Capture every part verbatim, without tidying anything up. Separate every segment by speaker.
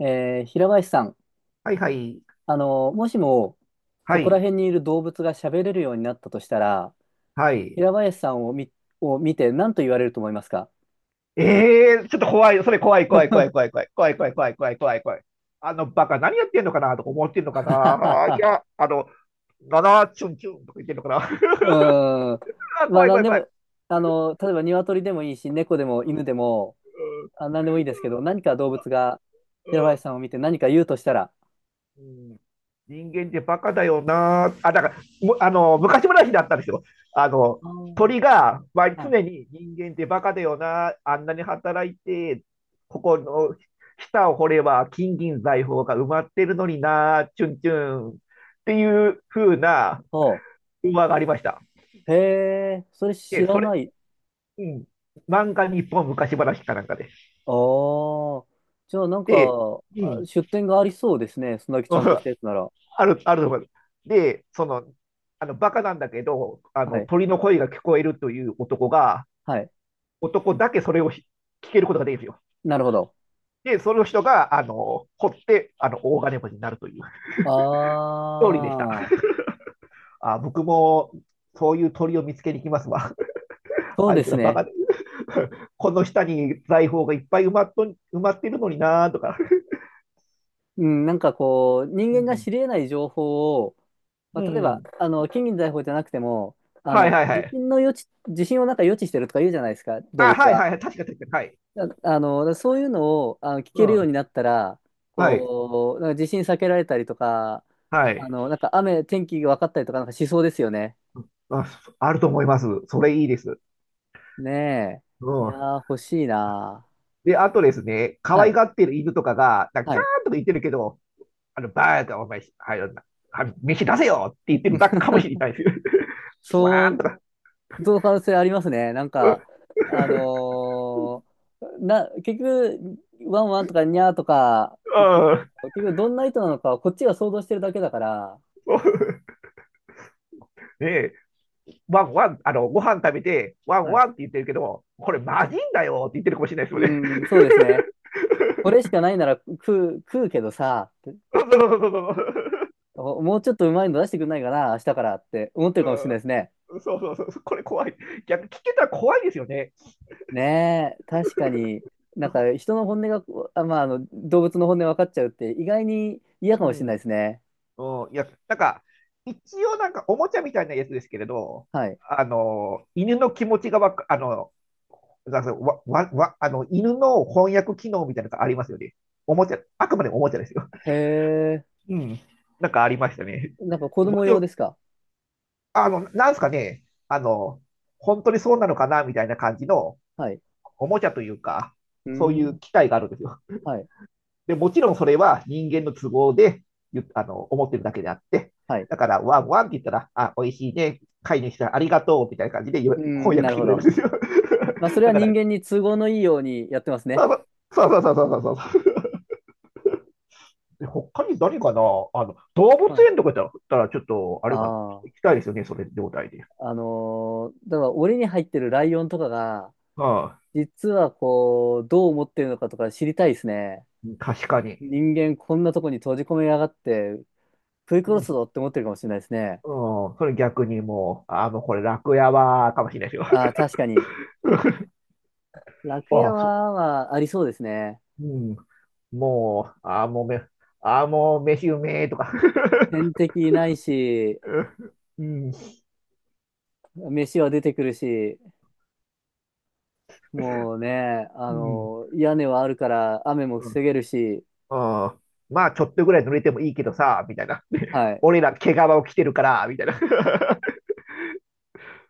Speaker 1: えー平林さん、
Speaker 2: はいはい。
Speaker 1: あの、もしも、
Speaker 2: は
Speaker 1: そこら
Speaker 2: い。
Speaker 1: 辺にいる動物が喋れるようになったとしたら、
Speaker 2: はい。
Speaker 1: 平林さんを見、を見て何と言われると思いますか？
Speaker 2: ええーちょっと怖い。それ怖い怖い怖い怖い怖い怖い怖い怖い怖い怖い怖い。あのバカ何やってんのかなとか思ってんのかな。い や、あの、ななチュンチュンとか言ってんのかな。
Speaker 1: うーん。
Speaker 2: あ、
Speaker 1: まあ、
Speaker 2: 怖い
Speaker 1: 何
Speaker 2: 怖い
Speaker 1: で
Speaker 2: 怖い。
Speaker 1: も、あの、例えば鶏でもいいし、猫でも
Speaker 2: う
Speaker 1: 犬でも、
Speaker 2: ん
Speaker 1: あ、何でもいいですけど、何か動物が
Speaker 2: う
Speaker 1: 平
Speaker 2: んう
Speaker 1: 林
Speaker 2: ん
Speaker 1: さんを見て何か言うとしたら、
Speaker 2: うん、人間ってバカだよなー。あ、だから、むあの、昔話だったんですよ。あの、
Speaker 1: あー、
Speaker 2: 鳥が、まあ、
Speaker 1: はい。
Speaker 2: 常に人間ってバカだよな。あんなに働いて、ここの下を掘れば金銀財宝が埋まってるのにな、チュンチュンっていう風な
Speaker 1: ほ
Speaker 2: 馬がありました。
Speaker 1: う。へえ、それ
Speaker 2: で、
Speaker 1: 知ら
Speaker 2: それ、
Speaker 1: ない。
Speaker 2: うん、漫画日本昔話かなんかで。
Speaker 1: ああ。じゃあ、なん
Speaker 2: で、
Speaker 1: か、
Speaker 2: う
Speaker 1: あ、
Speaker 2: ん、
Speaker 1: 出店がありそうですね。そんだけちゃんとし たやつなら。
Speaker 2: ある、あると思います。で、その、あの、バカなんだけど、あ
Speaker 1: は
Speaker 2: の、
Speaker 1: い
Speaker 2: 鳥の声が聞こえるという男が、
Speaker 1: はい。
Speaker 2: 男だけそれをひ聞けることができるんですよ。
Speaker 1: なるほど。
Speaker 2: で、その人が、あの、掘って、あの、大金持ちになるというストーリーでした。
Speaker 1: ああ、
Speaker 2: あ、僕も、そういう鳥を見つけに行きますわ。
Speaker 1: そう
Speaker 2: あ
Speaker 1: で
Speaker 2: いつ
Speaker 1: す
Speaker 2: らバカ
Speaker 1: ね。
Speaker 2: で、この下に財宝がいっぱい埋まっと、埋まってるのになーとか。
Speaker 1: うん、なんかこう、人
Speaker 2: う
Speaker 1: 間が
Speaker 2: ん。
Speaker 1: 知り得ない情報を、ま
Speaker 2: う
Speaker 1: あ、例えば、
Speaker 2: ん。
Speaker 1: あの、金銀財宝じゃなくても、あ
Speaker 2: はい
Speaker 1: の、
Speaker 2: はいは
Speaker 1: 地
Speaker 2: い。
Speaker 1: 震の予知、地震をなんか予知してるとか言うじゃないですか、動
Speaker 2: あ、
Speaker 1: 物
Speaker 2: はい
Speaker 1: は。
Speaker 2: はいはい。確か確かに。はい。
Speaker 1: あ、あの、そういうのを、あの、聞
Speaker 2: う
Speaker 1: けるように
Speaker 2: ん。
Speaker 1: なったら、
Speaker 2: はい。
Speaker 1: こう、なんか地震避けられたりとか、
Speaker 2: は
Speaker 1: あ
Speaker 2: い。
Speaker 1: の、なんか雨、天気が分かったりとか、なんかしそうですよね。
Speaker 2: あ、あると思います。それいいです。
Speaker 1: ねえ。い
Speaker 2: う
Speaker 1: や
Speaker 2: ん。
Speaker 1: ー、欲しいな
Speaker 2: で、あとです
Speaker 1: ー。
Speaker 2: ね、可
Speaker 1: は
Speaker 2: 愛
Speaker 1: い。
Speaker 2: がってる犬とかが、なんか
Speaker 1: は
Speaker 2: キャー
Speaker 1: い。
Speaker 2: ンとか言ってるけど、あの、バーカお前、はい、なはい飯出せよって言ってるだけかもしれな いです。
Speaker 1: そ
Speaker 2: わーん
Speaker 1: う、
Speaker 2: とか。
Speaker 1: その可能性ありますね。なん
Speaker 2: うん
Speaker 1: か、あのーな、結局、ワンワンとかニャーとか
Speaker 2: う
Speaker 1: 言ってて、
Speaker 2: ん、
Speaker 1: 結局どんな意図なのかはこっちが想像してるだけだから、
Speaker 2: ねえ、ワンワン、あの、ご飯食べて、ワン
Speaker 1: はい。
Speaker 2: ワンって言ってるけど、これマジんだよって言ってるかもしれないですよ
Speaker 1: う
Speaker 2: ね。
Speaker 1: ん、そうですね。これしかないなら食う、食うけどさ、って
Speaker 2: そうそうそうそうそ
Speaker 1: おもうちょっとうまいの出してくんないかな、明日からって思ってる
Speaker 2: う。
Speaker 1: かもしれ
Speaker 2: う
Speaker 1: ないで
Speaker 2: ん、
Speaker 1: すね。
Speaker 2: そうそうそう。これ怖い。逆、聞けたら怖いですよね。
Speaker 1: ねえ、確かに、なんか人の本音が、あ、まあ、あの、動物の本音分かっちゃうって意外に嫌か
Speaker 2: う
Speaker 1: もしれない
Speaker 2: ん
Speaker 1: ですね。
Speaker 2: うん、いや、なんか、一応なんかおもちゃみたいなやつですけれど、
Speaker 1: はい。
Speaker 2: あの、犬の気持ちがわか、あの、なんかわ、わ、わ、あの、犬の翻訳機能みたいなのがありますよね。おもちゃ、あくまでもおもちゃですよ。
Speaker 1: へえ、
Speaker 2: うん。なんかありましたね。
Speaker 1: なんか子
Speaker 2: も
Speaker 1: 供
Speaker 2: ち
Speaker 1: 用
Speaker 2: ろん、
Speaker 1: ですか？
Speaker 2: あの、なんすかね、あの、本当にそうなのかなみたいな感じの
Speaker 1: はい。
Speaker 2: おもちゃというか、
Speaker 1: うー
Speaker 2: そういう
Speaker 1: ん。
Speaker 2: 機械があるんですよ。
Speaker 1: はい。
Speaker 2: で、もちろんそれは人間の都合であの思ってるだけであって、
Speaker 1: はい。
Speaker 2: だから、ワンワンって言ったら、あ、美味しいね、飼い主さんありがとうみたいな感じで
Speaker 1: うー
Speaker 2: 翻
Speaker 1: ん、な
Speaker 2: 訳し
Speaker 1: る
Speaker 2: て
Speaker 1: ほ
Speaker 2: くれるん
Speaker 1: ど。
Speaker 2: ですよ。
Speaker 1: まあ、そ れは
Speaker 2: だか
Speaker 1: 人
Speaker 2: ら、
Speaker 1: 間に都合のいいようにやってますね。
Speaker 2: そうそうそうそうそうそうそう。他に何かな、あの、動物
Speaker 1: は
Speaker 2: 園
Speaker 1: い。
Speaker 2: とかだったら、ちょっと、あ
Speaker 1: あ
Speaker 2: れかな、行き
Speaker 1: あ。
Speaker 2: たいですよね、それ状態で。
Speaker 1: あのーだから、檻に入ってるライオンとかが、
Speaker 2: ああ、
Speaker 1: 実はこう、どう思ってるのかとか知りたいですね。
Speaker 2: 確かに。
Speaker 1: 人間こんなとこに閉じ込めやがって、食い
Speaker 2: う
Speaker 1: 殺す
Speaker 2: ん、
Speaker 1: ぞって思ってるかもしれないですね。
Speaker 2: うん、それ逆にもう、あ、もうこれ楽屋は、かもしれないですよ。
Speaker 1: ああ、確かに。楽
Speaker 2: あ
Speaker 1: 屋
Speaker 2: あ、そ、
Speaker 1: は、まあ、ありそうですね。
Speaker 2: うん、もう、ああ、もうめ、ああ、もう飯うめえとか。
Speaker 1: 天 敵いないし、
Speaker 2: うん、
Speaker 1: 飯は出てくるし、もうね、あ
Speaker 2: うん、
Speaker 1: の、屋根はあるから雨も
Speaker 2: うん。
Speaker 1: 防げるし、
Speaker 2: あー、まあ、ちょっとぐらい濡れてもいいけどさ、みたいな。
Speaker 1: は い。
Speaker 2: 俺ら毛皮を着てるから、みたいな。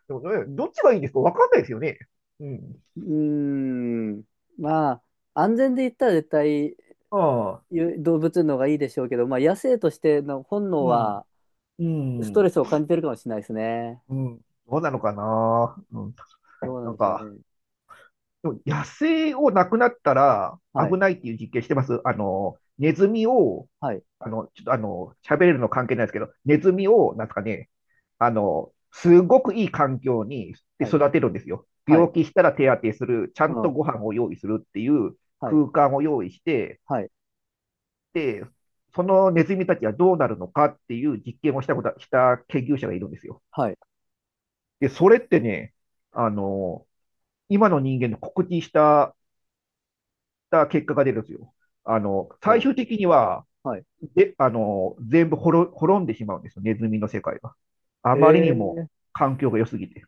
Speaker 2: でもね、どっちがいいんですかわかんないですよね。うん。
Speaker 1: うーん。まあ、安全で言ったら絶対
Speaker 2: ああ、
Speaker 1: ゆ動物の方がいいでしょうけど、まあ野生としての本能
Speaker 2: うん、
Speaker 1: は
Speaker 2: う
Speaker 1: ストレ
Speaker 2: ん、
Speaker 1: スを感じてるかもしれないですね。
Speaker 2: うん。どうなのかな。うん、
Speaker 1: どうなん
Speaker 2: なん
Speaker 1: でしょう
Speaker 2: か、
Speaker 1: ね。
Speaker 2: でも野生をなくなったら
Speaker 1: はい。
Speaker 2: 危ないっていう実験してます。あの、ネズミを、
Speaker 1: はい。
Speaker 2: あの、ちょっとあの、喋れるの関係ないですけど、ネズミを、なんですかね、あの、すごくいい環境にで
Speaker 1: はい。
Speaker 2: 育てるんですよ。
Speaker 1: は
Speaker 2: 病
Speaker 1: い。
Speaker 2: 気したら手当てする、ちゃ
Speaker 1: う
Speaker 2: んと
Speaker 1: ん。
Speaker 2: ご飯を用意するっていう
Speaker 1: はい。
Speaker 2: 空間を用意して、
Speaker 1: はい。
Speaker 2: で、そのネズミたちはどうなるのかっていう実験をしたこと、した研究者がいるんですよ。
Speaker 1: はい。
Speaker 2: で、それってね、あの、今の人間の告知したた結果が出るんですよ。あの、最
Speaker 1: お、
Speaker 2: 終的には、
Speaker 1: はい。
Speaker 2: で、あの、全部滅滅んでしまうんですよ、ネズミの世界が。あ
Speaker 1: へ
Speaker 2: まりにも
Speaker 1: え、
Speaker 2: 環境が良すぎて。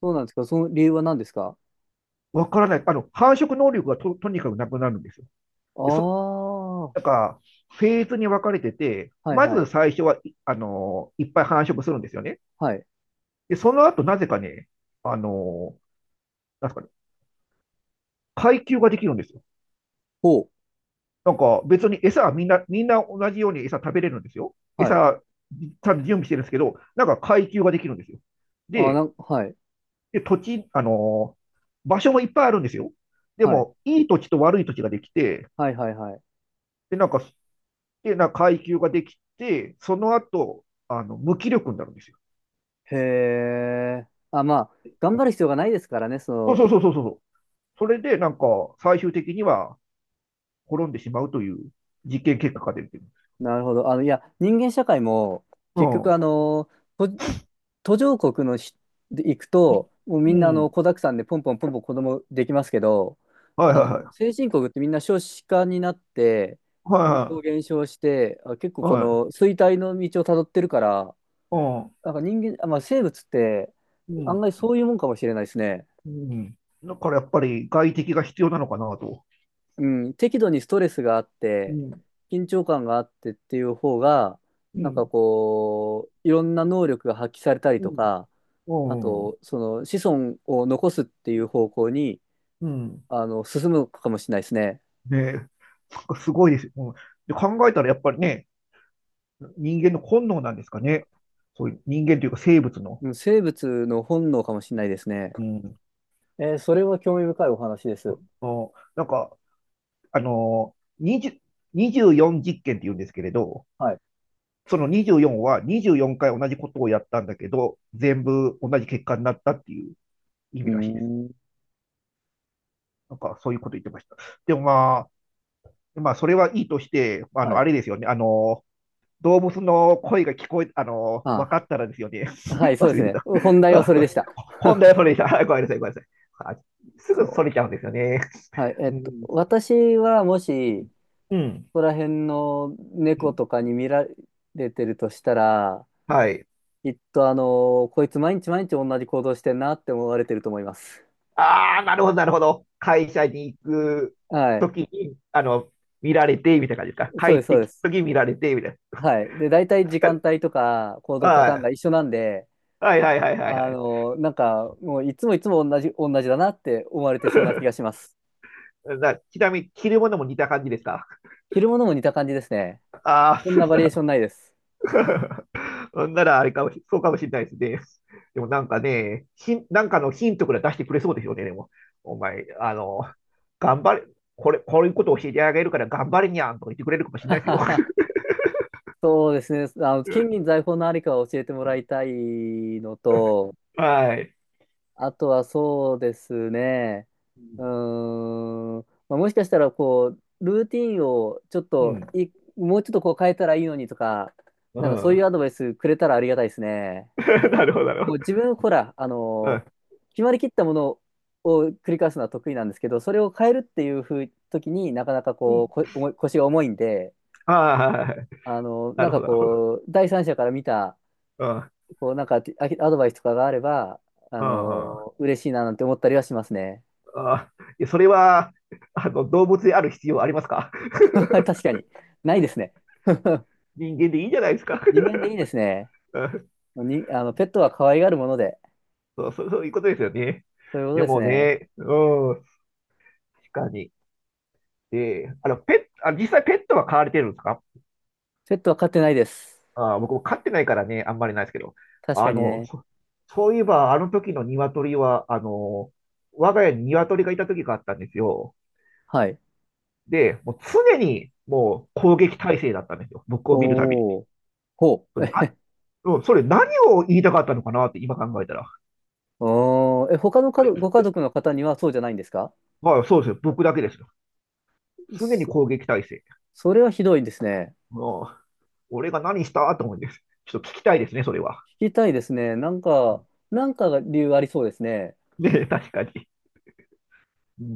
Speaker 1: そうなんですか。その理由は何ですか？
Speaker 2: わからない。あの、繁殖能力がと、とにかくなくなるんですよ。
Speaker 1: あ
Speaker 2: で、そ、
Speaker 1: あー、
Speaker 2: なんか、フェーズに分かれてて、
Speaker 1: はい
Speaker 2: ま
Speaker 1: はい。
Speaker 2: ず最初は、いあの、いっぱい繁殖するんですよね。
Speaker 1: はい。
Speaker 2: で、その後、なぜかね、あの、なんですかね、階級ができるんですよ。
Speaker 1: ほ
Speaker 2: なんか別に餌はみんな、みんな同じように餌食べれるんですよ。
Speaker 1: う。はい。
Speaker 2: 餌、ちゃんと準備してるんですけど、なんか階級ができるんですよ。
Speaker 1: あー、な
Speaker 2: で、
Speaker 1: ん、はい。
Speaker 2: で、土地、あのー場所もいっぱいあるんですよ。で
Speaker 1: はい。
Speaker 2: も、いい土地と悪い土地ができて、
Speaker 1: はいはいはい。
Speaker 2: で、なんか、で、なんか階級ができて、その後、あの、無気力になるんですよ。
Speaker 1: へえ。あ、まあ、頑張る必要がないですからね、そ
Speaker 2: そう
Speaker 1: の。
Speaker 2: そうそうそうそう。それで、なんか、最終的には滅んでしまうという実験結果が出てる。
Speaker 1: なるほど。あの、いや、人間社会も、
Speaker 2: う
Speaker 1: 結局、あ
Speaker 2: ん。
Speaker 1: の、途途上国のし、で行くと、もうみん
Speaker 2: う
Speaker 1: な、あの、
Speaker 2: ん。
Speaker 1: 子沢山でポンポンポンポン子供できますけど、
Speaker 2: はい
Speaker 1: あ
Speaker 2: はい
Speaker 1: の、
Speaker 2: はい。
Speaker 1: 先進国ってみんな少子化になって、人口
Speaker 2: は
Speaker 1: 減少して、あ、結構
Speaker 2: い
Speaker 1: こ
Speaker 2: はい。はい。
Speaker 1: の衰退の道をたどってるから、なんか人間、あ、まあ、生物って、
Speaker 2: うん。
Speaker 1: 案外
Speaker 2: うん。
Speaker 1: そういうもんかもしれないですね。
Speaker 2: うん。だからやっぱり外敵が必要なのかなと。
Speaker 1: うん、適度にストレスがあっ
Speaker 2: う
Speaker 1: て、
Speaker 2: ん。
Speaker 1: 緊張感があってっていう方が、
Speaker 2: う
Speaker 1: なんか
Speaker 2: ん。
Speaker 1: こう、いろんな能力が発揮されたり
Speaker 2: う
Speaker 1: と
Speaker 2: ん。
Speaker 1: か、あ
Speaker 2: うん。
Speaker 1: と、その子孫を残すっていう方向に、
Speaker 2: うん。
Speaker 1: あの、進むかもしれないですね。
Speaker 2: ねえ。そっかすごいです。うん、で考えたらやっぱりね、人間の本能なんですかね。そういう人間というか生物の。
Speaker 1: うん、生物の本能かもしれないですね。
Speaker 2: うん。
Speaker 1: えーそれは興味深いお話です。
Speaker 2: あ、なんか、あのー、にじゅう にじゅうよん実験って言うんですけれど、
Speaker 1: はい。
Speaker 2: そのにじゅうよんはにじゅうよんかい同じことをやったんだけど、全部同じ結果になったっていう意
Speaker 1: う
Speaker 2: 味
Speaker 1: ー
Speaker 2: らしいです。
Speaker 1: ん。
Speaker 2: なんかそういうこと言ってました。でもまあ、まあ、それはいいとして、あの、
Speaker 1: はい。
Speaker 2: あれですよね。あの、動物の声が聞こえ、あの、分
Speaker 1: あ、
Speaker 2: かったらですよね。
Speaker 1: はい、そうで
Speaker 2: 忘
Speaker 1: す
Speaker 2: れて
Speaker 1: ね。
Speaker 2: た。
Speaker 1: 本題は
Speaker 2: あ、
Speaker 1: それ
Speaker 2: こ
Speaker 1: で
Speaker 2: れ
Speaker 1: した。
Speaker 2: 本題はそれでした。はい、ごめんなさい、ごめんなさい。あ、すぐそ
Speaker 1: そ
Speaker 2: れちゃうんですよね。
Speaker 1: う。はい。えっ
Speaker 2: う
Speaker 1: と、
Speaker 2: ん。
Speaker 1: 私はもし、
Speaker 2: うん。
Speaker 1: こら辺の
Speaker 2: う
Speaker 1: 猫
Speaker 2: ん、
Speaker 1: とかに見られてるとしたら、
Speaker 2: はい。
Speaker 1: きっとあの、こいつ毎日毎日同じ行動してんなって思われてると思います。
Speaker 2: ああ、なるほど、なるほど。会社に行く
Speaker 1: は
Speaker 2: と
Speaker 1: い。
Speaker 2: きに、あの、見られて、みたいな感じですか。
Speaker 1: そ
Speaker 2: 帰
Speaker 1: うです、
Speaker 2: っ
Speaker 1: そ
Speaker 2: て
Speaker 1: うで
Speaker 2: き
Speaker 1: す。
Speaker 2: たとき見られて、みたいな。
Speaker 1: はい。で、大体時
Speaker 2: 確かに。
Speaker 1: 間帯とか行動パタ
Speaker 2: は
Speaker 1: ーンが
Speaker 2: い。
Speaker 1: 一緒なんで、
Speaker 2: はいはいはいはいは
Speaker 1: あの、なんかもういつもいつも同じ、同じだなって思われてそうな気がします。
Speaker 2: い。な、ちなみに、着るものも似た感じですか。
Speaker 1: 着るものも似た感じですね。
Speaker 2: ああ、
Speaker 1: こん
Speaker 2: そう
Speaker 1: な
Speaker 2: し
Speaker 1: バリエー
Speaker 2: た。
Speaker 1: ションないです。
Speaker 2: ほんなら、あれかもし、そうかもしれないですね。でもなんかね、ヒン、なんかのヒントくらい出してくれそうですよね、でも。お前、あの、頑張れ、これ、こういうことを教えてあげるから頑張れにゃんとか言ってくれるかもし れ
Speaker 1: は
Speaker 2: ないですよ。
Speaker 1: はは、 そうですね。あの、金銀財宝のありかを教えてもらいたいのと、
Speaker 2: はい。
Speaker 1: あとはそうですね。うーん。まあ、もしかしたら、こう、ルーティンをちょっ
Speaker 2: う
Speaker 1: と
Speaker 2: ん。
Speaker 1: い、もうちょっとこう変えたらいいのにとか、
Speaker 2: う
Speaker 1: なんかそういう
Speaker 2: ん。
Speaker 1: アドバイスくれたらありがたいですね。
Speaker 2: なるほど、なるほ
Speaker 1: もう
Speaker 2: ど。
Speaker 1: 自分、ほら、あ
Speaker 2: う
Speaker 1: の、
Speaker 2: ん。
Speaker 1: 決まりきったものを繰り返すのは得意なんですけど、それを変えるっていうふう時になかなか
Speaker 2: う
Speaker 1: こう、
Speaker 2: ん。
Speaker 1: こ、重い腰が重いんで、
Speaker 2: ああ、はいはい、
Speaker 1: あの、
Speaker 2: な
Speaker 1: なん
Speaker 2: るほ
Speaker 1: か
Speaker 2: ど、なるほど。
Speaker 1: こう、第三者から見た、
Speaker 2: うん。うん。
Speaker 1: こう、なんかあアドバイスとかがあれば、あ
Speaker 2: あ
Speaker 1: の、嬉しいななんて思ったりはしますね。
Speaker 2: あ。いや、それは、あの、動物である必要ありますか？
Speaker 1: 確かに。ないですね。
Speaker 2: 人間でいいじゃないですか。
Speaker 1: 人間でいいですね。
Speaker 2: うん、
Speaker 1: に、あの、ペットは可愛がるもので。
Speaker 2: そう、そう、そういうことですよね。
Speaker 1: そういうこと
Speaker 2: で
Speaker 1: です
Speaker 2: も
Speaker 1: ね。
Speaker 2: ね、うん。確かに。で、あの、ペット、あ、実際ペットは飼われてるんですか？
Speaker 1: ペットは飼ってないです。
Speaker 2: あー、僕も飼ってないからね、あんまりないですけど。
Speaker 1: 確
Speaker 2: あ
Speaker 1: かに
Speaker 2: の、
Speaker 1: ね。
Speaker 2: そ、そういえば、あの時の鶏は、あの、我が家に鶏がいた時があったんですよ。
Speaker 1: はい。
Speaker 2: で、もう常にもう攻撃態勢だったんですよ。僕を見るたびに。
Speaker 1: おー。ほう。
Speaker 2: な、うん、それ何を言いたかったのかなって今考えたら。
Speaker 1: おー。え、他の
Speaker 2: こ
Speaker 1: か
Speaker 2: れ、
Speaker 1: どご家族の方にはそうじゃないんですか？
Speaker 2: まあそうですよ。僕だけですよ。常に
Speaker 1: そ、
Speaker 2: 攻撃態勢。
Speaker 1: それはひどいですね。
Speaker 2: もう、俺が何したと思うんです。ちょっと聞きたいですね、それは。
Speaker 1: 聞きたいですね。なんか、なんかが理由ありそうですね。
Speaker 2: ね、確かに。うん